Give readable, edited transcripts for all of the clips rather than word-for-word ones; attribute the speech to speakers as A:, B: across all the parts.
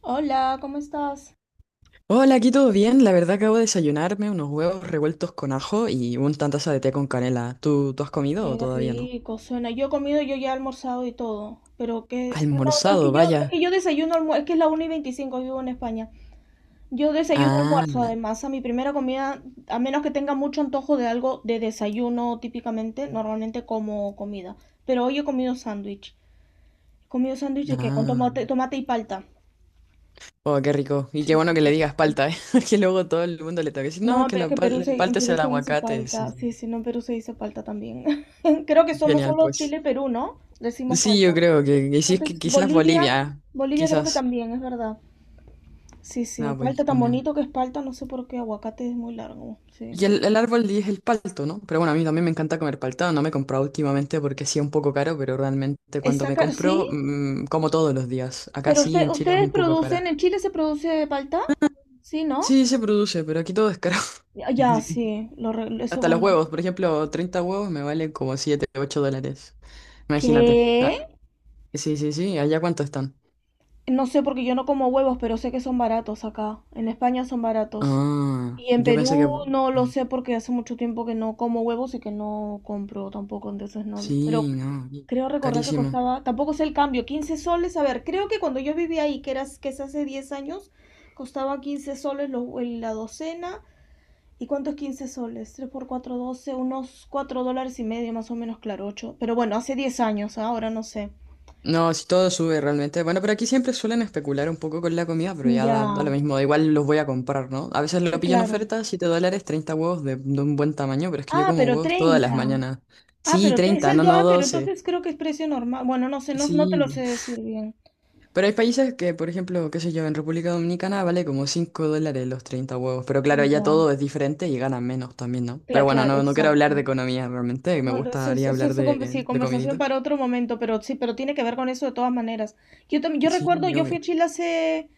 A: Hola, ¿cómo estás?
B: Hola, aquí todo bien. La verdad acabo de desayunarme unos huevos revueltos con ajo y una taza de té con canela. ¿Tú has comido o
A: Qué
B: todavía no?
A: rico suena. Yo he comido, yo ya he almorzado y todo. Pero que... No, no, es
B: Almorzado,
A: que yo, es
B: vaya.
A: que yo desayuno almuerzo. Es que es la 1 y 25. Vivo en España. Yo desayuno
B: Ah,
A: almuerzo, además, a mi primera comida, a menos que tenga mucho antojo de algo de desayuno típicamente, normalmente como comida. Pero hoy he comido sándwich. He comido sándwich de que con
B: ah.
A: tomate, tomate y palta.
B: Oh, qué rico. Y qué
A: Sí, sí.
B: bueno que le digas palta, ¿eh? Porque luego todo el mundo le toca decir,
A: No,
B: no, que
A: pero es que
B: el
A: en
B: palta es
A: Perú
B: el
A: se hizo
B: aguacate. Sí,
A: palta.
B: sí.
A: Sí, sí, no, en Perú se hizo palta también. Creo que somos
B: Genial,
A: solo
B: pues.
A: Chile y Perú, ¿no? Decimos
B: Sí,
A: palta.
B: yo creo que sí,
A: Creo
B: es
A: que
B: que quizás
A: Bolivia,
B: Bolivia.
A: Bolivia creo que
B: Quizás.
A: también, es verdad. Sí,
B: Ah,
A: sí,
B: pues,
A: palta tan
B: genial.
A: bonito que es palta, no sé por qué, aguacate es muy largo, sí.
B: Y el árbol es el palto, ¿no? Pero bueno, a mí también me encanta comer palta. No me he comprado últimamente porque sí es un poco caro, pero realmente cuando me
A: Exacto,
B: compro,
A: sí,
B: mm, como todos los días. Acá
A: pero
B: sí, en Chile es
A: ustedes
B: un poco
A: producen,
B: cara.
A: en Chile se produce palta, ¿sí, no?
B: Sí, se produce, pero aquí todo es caro.
A: Ya, ya,
B: Así que
A: sí, lo, eso
B: hasta los
A: bueno.
B: huevos, por ejemplo, 30 huevos me valen como 7, $8. Imagínate. Ah,
A: ¿Qué?
B: sí, sí, sí. ¿Allá cuánto están?
A: No sé porque yo no como huevos, pero sé que son baratos acá. En España son baratos.
B: Ah,
A: Y en
B: yo pensé
A: Perú no
B: que
A: lo
B: no.
A: sé porque hace mucho tiempo que no como huevos y que no compro tampoco, entonces no.
B: Sí,
A: Pero
B: no. Y...
A: creo recordar que
B: carísimo.
A: costaba, tampoco sé el cambio, 15 soles. A ver, creo que cuando yo vivía ahí, que eras, que es hace 10 años, costaba 15 soles la docena. ¿Y cuánto es 15 soles? Tres por 4 12 unos 4 dólares y medio más o menos, claro, 8. Pero bueno, hace 10 años, ¿ah? Ahora no sé.
B: No, si todo sube realmente. Bueno, pero aquí siempre suelen especular un poco con la comida, pero ya
A: Ya,
B: da lo mismo. Da igual, los voy a comprar, ¿no? A veces lo pillo en
A: claro.
B: oferta, $7, 30 huevos de un buen tamaño, pero es que yo
A: Ah,
B: como
A: pero
B: huevos todas las
A: treinta.
B: mañanas.
A: Ah,
B: Sí,
A: pero es
B: 30
A: el
B: no, no
A: pero
B: 12.
A: entonces creo que es precio normal. Bueno, no sé, no, no te
B: Sí.
A: lo sé decir bien.
B: Pero hay países que, por ejemplo, qué sé yo, en República Dominicana vale como $5 los 30 huevos. Pero claro, ya
A: Ya.
B: todo es diferente y ganan menos también, ¿no? Pero
A: Cla-
B: bueno,
A: claro,
B: no, no quiero hablar de
A: exacto.
B: economía realmente, me
A: No, no, es, es,
B: gustaría
A: es
B: hablar
A: eso sí,
B: de
A: conversación
B: comidita.
A: para otro momento, pero sí, pero tiene que ver con eso de todas maneras. Yo también, yo
B: Sí,
A: recuerdo, yo fui
B: obvio.
A: a Chile hace,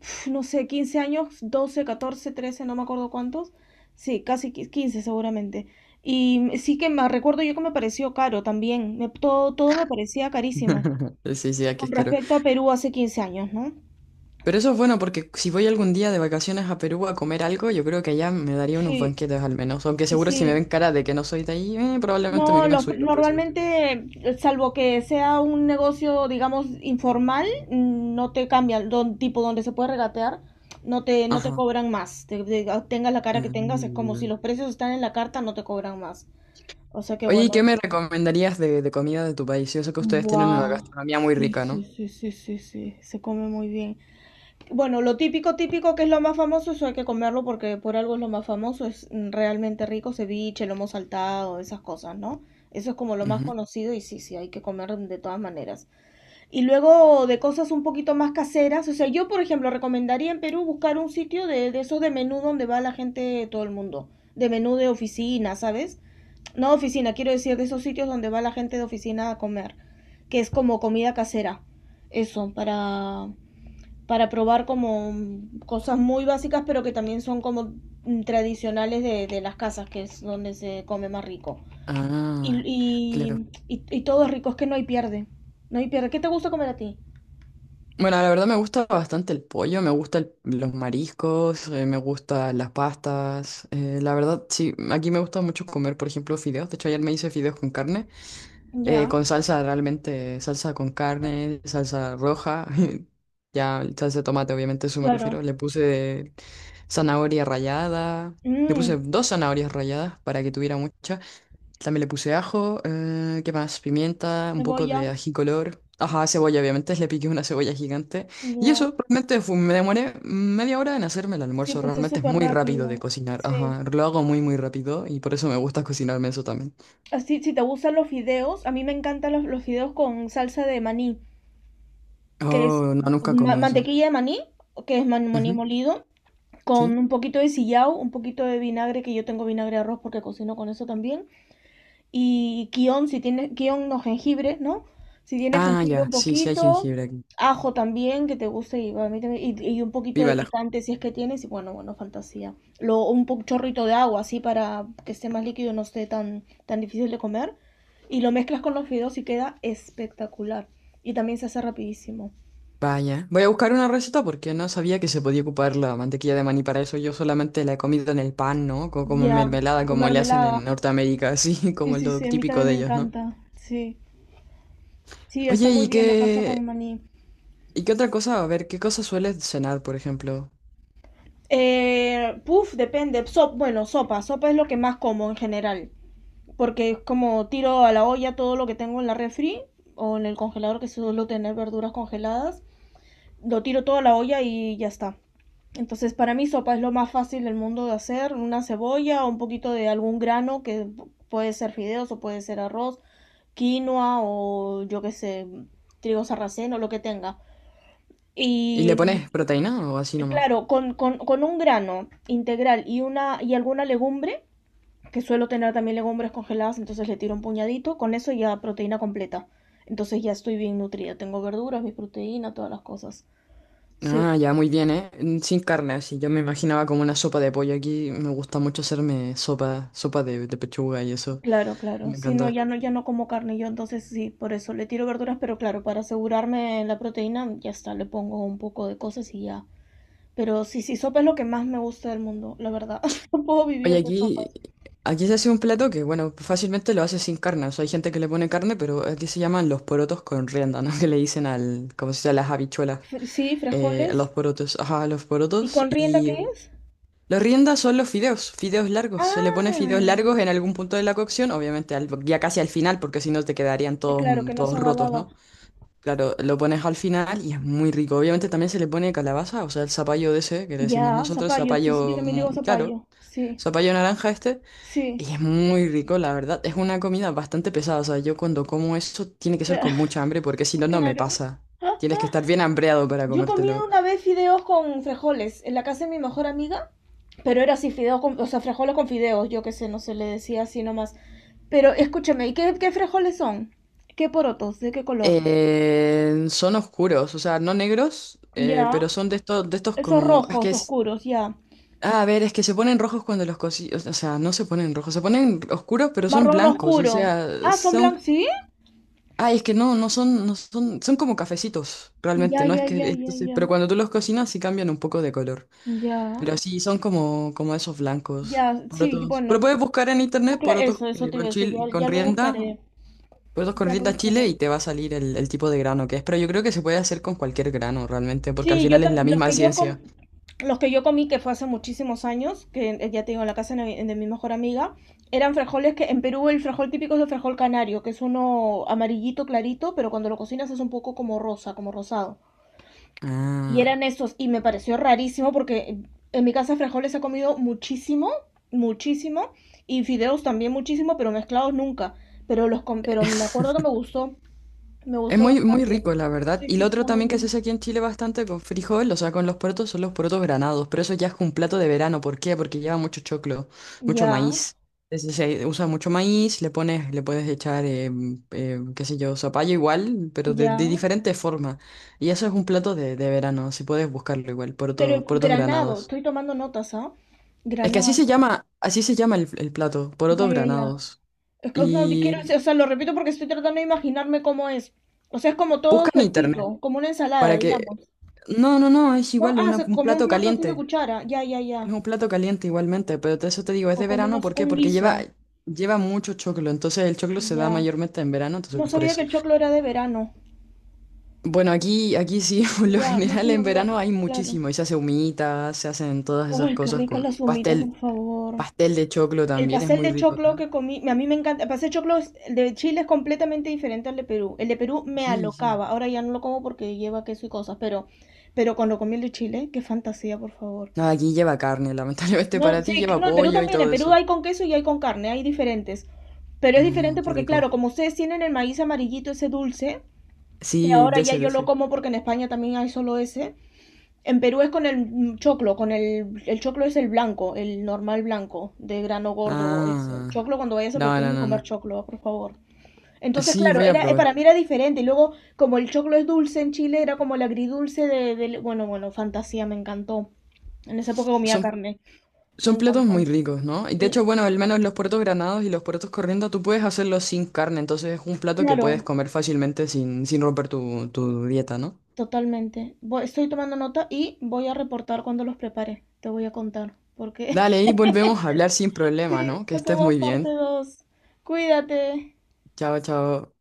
A: uf, no sé, 15 años, 12, 14, 13, no me acuerdo cuántos. Sí, 15 seguramente. Y sí que me recuerdo yo que me pareció caro también. Todo, todo me parecía carísimo.
B: Sí, sí, aquí
A: Con
B: es caro.
A: respecto a Perú hace 15 años, ¿no?
B: Pero eso es bueno porque si voy algún día de vacaciones a Perú a comer algo, yo creo que allá me daría unos
A: Sí,
B: banquetes al menos. Aunque seguro si me ven
A: sí.
B: cara de que no soy de ahí, probablemente me
A: No,
B: quieran subir los precios.
A: normalmente, salvo que sea un negocio, digamos, informal, no te cambian, tipo donde se puede regatear, no te
B: Ajá.
A: cobran más. Tengas la cara que tengas, es como si
B: Mm.
A: los precios están en la carta, no te cobran más. O sea que
B: Oye, ¿y
A: bueno,
B: qué
A: es...
B: me recomendarías de comida de tu país? Yo sé que ustedes tienen una
A: Wow.
B: gastronomía muy
A: Sí,
B: rica,
A: sí,
B: no.
A: sí, sí, sí, sí, se come muy bien. Bueno, lo típico, típico que es lo más famoso, eso hay que comerlo porque por algo es lo más famoso, es realmente rico, ceviche, lomo saltado, esas cosas, ¿no? Eso es como lo más
B: Ujú.
A: conocido y sí, sí, hay que comer de todas maneras. Y luego de cosas un poquito más caseras, o sea, yo por ejemplo recomendaría en Perú buscar un sitio de esos de menú donde va la gente de todo el mundo, de menú de oficina, ¿sabes? No oficina, quiero decir de esos sitios donde va la gente de oficina a comer, que es como comida casera. Eso, para probar como cosas muy básicas, pero que también son como tradicionales de las casas, que es donde se come más rico. Y,
B: Ah, claro.
A: y, y, y todo es rico, es que no hay pierde. No hay pierde. ¿Qué te gusta comer a ti?
B: Bueno, la verdad me gusta bastante el pollo, me gustan los mariscos, me gustan las pastas, la verdad, sí, aquí me gusta mucho comer, por ejemplo, fideos. De hecho, ayer me hice fideos con carne.
A: Ya,
B: Con salsa realmente, salsa con carne, salsa roja, ya salsa de tomate, obviamente a eso me
A: claro.
B: refiero. Le puse zanahoria rallada, le puse
A: Mm,
B: dos zanahorias ralladas para que tuviera mucha. También le puse ajo, ¿qué más? Pimienta, un poco
A: cebolla.
B: de ají color. Ajá, cebolla, obviamente, le piqué una cebolla gigante. Y
A: Ya.
B: eso, realmente fue... me demoré media hora en hacerme el
A: Sí,
B: almuerzo.
A: pues es
B: Realmente es
A: súper
B: muy rápido de
A: rápido.
B: cocinar.
A: Sí.
B: Ajá, lo hago muy, muy rápido y por eso me gusta cocinarme eso también.
A: Así, si te gustan los fideos, a mí me encantan los fideos con salsa de maní, que es
B: Oh, no, nunca comí eso.
A: mantequilla de maní, que es maní molido,
B: ¿Sí?
A: con un poquito de sillao, un poquito de vinagre, que yo tengo vinagre de arroz porque cocino con eso también, y kion, si tiene, kion no jengibre, ¿no? Si tiene
B: Ah,
A: jengibre
B: ya,
A: un
B: sí, sí hay
A: poquito,
B: jengibre aquí.
A: ajo también, que te guste, y, y un poquito de
B: Viva la...
A: picante si es que tienes, y bueno, bueno, fantasía. Chorrito de agua, así, para que esté más líquido no esté tan, tan difícil de comer, y lo mezclas con los fideos y queda espectacular. Y también se hace rapidísimo.
B: Vaya. Voy a buscar una receta porque no sabía que se podía ocupar la mantequilla de maní para eso. Yo solamente la he comido en el pan, ¿no? Co- Como en
A: Ya, y
B: mermelada,
A: con
B: como le hacen
A: mermelada.
B: en Norteamérica, así
A: Sí,
B: como el
A: sí,
B: lo
A: sí, a mí
B: típico
A: también me
B: de ellos, ¿no?
A: encanta, sí. Sí, está
B: Oye,
A: muy
B: ¿y
A: bien, lo paso con
B: qué...
A: maní.
B: ¿Y qué otra cosa? A ver, ¿qué cosa sueles cenar, por ejemplo?
A: Puf, depende. Bueno, sopa. Sopa es lo que más como en general. Porque es como tiro a la olla todo lo que tengo en la refri o en el congelador, que suelo tener verduras congeladas. Lo tiro todo a la olla y ya está. Entonces, para mí, sopa es lo más fácil del mundo de hacer. Una cebolla o un poquito de algún grano, que puede ser fideos o puede ser arroz, quinoa o yo qué sé, trigo sarraceno, lo que tenga.
B: ¿Y le
A: Y
B: pones proteína o así nomás?
A: claro, con un grano integral y una y alguna legumbre, que suelo tener también legumbres congeladas, entonces le tiro un puñadito, con eso ya proteína completa. Entonces ya estoy bien nutrida, tengo verduras, mi proteína, todas las cosas. Sí,
B: Ah, ya, muy bien, ¿eh? Sin carne, así. Yo me imaginaba como una sopa de pollo. Aquí me gusta mucho hacerme sopa, sopa de pechuga y eso.
A: claro, claro.
B: Me
A: Sí, no,
B: encanta.
A: ya no como carne yo, entonces sí, por eso le tiro verduras, pero claro, para asegurarme la proteína, ya está, le pongo un poco de cosas y ya. Pero sí, sí, sopa es lo que más me gusta del mundo, la verdad. No puedo
B: Oye,
A: vivir de
B: aquí,
A: sopas.
B: aquí se hace un plato que, bueno, fácilmente lo hace sin carne. O sea, hay gente que le pone carne, pero aquí se llaman los porotos con rienda, ¿no? Que le dicen al, como se dice, a las habichuelas.
A: Sí,
B: A
A: frijoles.
B: los porotos, ajá, a los
A: ¿Y
B: porotos.
A: con rienda qué
B: Y
A: es?
B: los riendas son los fideos, fideos largos. Se le pone fideos
A: Ah,
B: largos en algún punto de la cocción, obviamente ya casi al final, porque si no te quedarían
A: sí,
B: todos,
A: claro
B: mm,
A: que no se
B: todos rotos,
A: agababa.
B: ¿no? Claro, lo pones al final y es muy rico. Obviamente también se le pone calabaza, o sea, el zapallo de ese, que le decimos
A: Ya,
B: nosotros,
A: zapallo, sí, sí, yo
B: zapallo,
A: también digo
B: mm, claro,
A: zapallo. Sí,
B: zapallo naranja este.
A: sí,
B: Y es muy rico, la verdad. Es una comida bastante pesada. O sea, yo cuando como eso tiene que ser con
A: cla-
B: mucha hambre porque si no, no me
A: claro.
B: pasa.
A: Ah,
B: Tienes que
A: ah.
B: estar bien hambreado para
A: Yo he comido
B: comértelo.
A: una vez fideos con frijoles en la casa de mi mejor amiga, pero era así, fideos con, o sea, frijoles con fideos, yo qué sé, no se le decía así nomás. Pero escúchame, ¿y qué frijoles son? ¿Qué porotos? ¿De qué color?
B: Son oscuros, o sea, no negros,
A: Ya,
B: pero son de estos,
A: esos
B: como... Es que
A: rojos
B: es...
A: oscuros, ya.
B: ah, a ver, es que se ponen rojos cuando los cocí... O sea, no se ponen rojos, se ponen oscuros, pero son
A: Marrón
B: blancos. O
A: oscuro.
B: sea,
A: Ah, son
B: son...
A: blancos, ¿sí?
B: Ay, es que no, no son, no son, son como cafecitos, realmente,
A: Ya,
B: no es
A: ya,
B: que,
A: ya, ya,
B: entonces,
A: ya.
B: pero cuando tú los cocinas sí cambian un poco de color.
A: Ya.
B: Pero sí, son como esos blancos,
A: Ya, sí,
B: porotos. Pero
A: bueno,
B: puedes buscar en internet porotos
A: eso, te iba a decir, ya,
B: con
A: ya lo
B: rienda,
A: buscaré,
B: porotos con
A: ya lo
B: rienda
A: buscaré.
B: chile y te va a salir el tipo de grano que es. Pero yo creo que se puede hacer con cualquier grano realmente, porque al
A: Sí,
B: final es la
A: los
B: misma
A: que
B: ciencia.
A: los que yo comí, que fue hace muchísimos años, que ya te digo, en la casa de mi mejor amiga, eran frijoles que en Perú el frijol típico es el frijol canario, que es uno amarillito clarito, pero cuando lo cocinas es un poco como rosa, como rosado. Y
B: Ah.
A: eran esos, y me pareció rarísimo porque en mi casa frijoles he comido muchísimo, muchísimo, y fideos también muchísimo, pero mezclados nunca. Pero pero me acuerdo que me
B: Es
A: gustó
B: muy, muy
A: bastante.
B: rico, la verdad.
A: Sí,
B: Y
A: sí,
B: lo otro
A: está muy
B: también que se
A: bien.
B: hace aquí en Chile bastante con frijol, o sea, con los porotos, son los porotos granados. Pero eso ya es un plato de verano. ¿Por qué? Porque lleva mucho choclo, mucho
A: Ya,
B: maíz. Entonces, se usa mucho maíz, le pones, le puedes echar, qué sé yo, zapallo igual, pero de
A: ya.
B: diferente forma. Y eso es un plato de verano, si puedes buscarlo igual,
A: Pero
B: porotos
A: granado,
B: granados.
A: estoy tomando notas, ¿ah?
B: Es que
A: Granado,
B: así se llama el plato,
A: ya,
B: porotos
A: ya, ya.
B: granados.
A: Es que, no, quiero
B: Y
A: decir, o sea, lo repito porque estoy tratando de imaginarme cómo es. O sea, es como todo
B: busca en internet
A: sueltito, como una ensalada,
B: para que...
A: digamos.
B: No, no, no, es
A: ¿No?
B: igual,
A: Ah, o sea,
B: un
A: como un
B: plato
A: plato así de
B: caliente.
A: cuchara. Ya, ya, ya.
B: Es un plato caliente igualmente, pero eso te digo, es
A: O
B: de
A: como
B: verano,
A: unos,
B: ¿por
A: con
B: qué?
A: un
B: Porque
A: guiso.
B: lleva, lleva mucho choclo, entonces el choclo se da
A: Ya.
B: mayormente en verano, entonces
A: No
B: por
A: sabía que
B: eso.
A: el choclo era de verano.
B: Bueno, aquí, aquí sí, por lo
A: Ya, no se
B: general
A: me
B: en
A: olvidó.
B: verano hay
A: Claro.
B: muchísimo, y se hace humita, se hacen todas esas
A: ¡Ay, qué
B: cosas
A: ricas
B: con
A: las humitas, por
B: pastel,
A: favor!
B: pastel de choclo
A: El
B: también, es
A: pastel
B: muy
A: de
B: rico
A: choclo
B: acá.
A: que comí, a mí me encanta. El pastel de choclo el de Chile es completamente diferente al de Perú. El de Perú me
B: Sí, sí.
A: alocaba. Ahora ya no lo como porque lleva queso y cosas, pero cuando comí el de Chile, qué fantasía, por favor.
B: No, aquí lleva carne, lamentablemente
A: No,
B: para ti
A: sí,
B: lleva
A: no, en Perú
B: pollo y
A: también. En
B: todo
A: Perú
B: eso.
A: hay con queso y hay con carne, hay diferentes. Pero es
B: Ujú,
A: diferente
B: qué
A: porque, claro,
B: rico.
A: como ustedes tienen el maíz amarillito, ese dulce, que
B: Sí,
A: ahora
B: de
A: ya
B: ese, de
A: yo lo
B: ese.
A: como porque en España también hay solo ese. En Perú es con el choclo, con el choclo es el blanco, el normal blanco, de grano gordo. Ese.
B: Ah,
A: Choclo cuando vayas a Perú
B: no, no,
A: tienes que
B: no, no.
A: comer choclo, por favor. Entonces,
B: Sí,
A: claro,
B: voy a
A: era,
B: probar.
A: para mí era diferente. Y luego, como el choclo es dulce en Chile, era como el agridulce bueno, bueno, fantasía, me encantó. En esa época comía
B: Son,
A: carne. Me
B: son platos
A: encantó.
B: muy ricos, ¿no? Y de hecho,
A: Sí,
B: bueno, al menos los puertos granados y los puertos corriendo, tú puedes hacerlos sin carne, entonces es un plato que puedes
A: claro,
B: comer fácilmente sin, sin romper tu dieta, ¿no?
A: totalmente. Estoy tomando nota y voy a reportar cuando los prepare. Te voy a contar, porque
B: Dale, y volvemos a hablar sin problema,
A: sí,
B: ¿no? Que estés
A: hacemos
B: muy
A: parte
B: bien.
A: 2. Cuídate.
B: Chao, chao.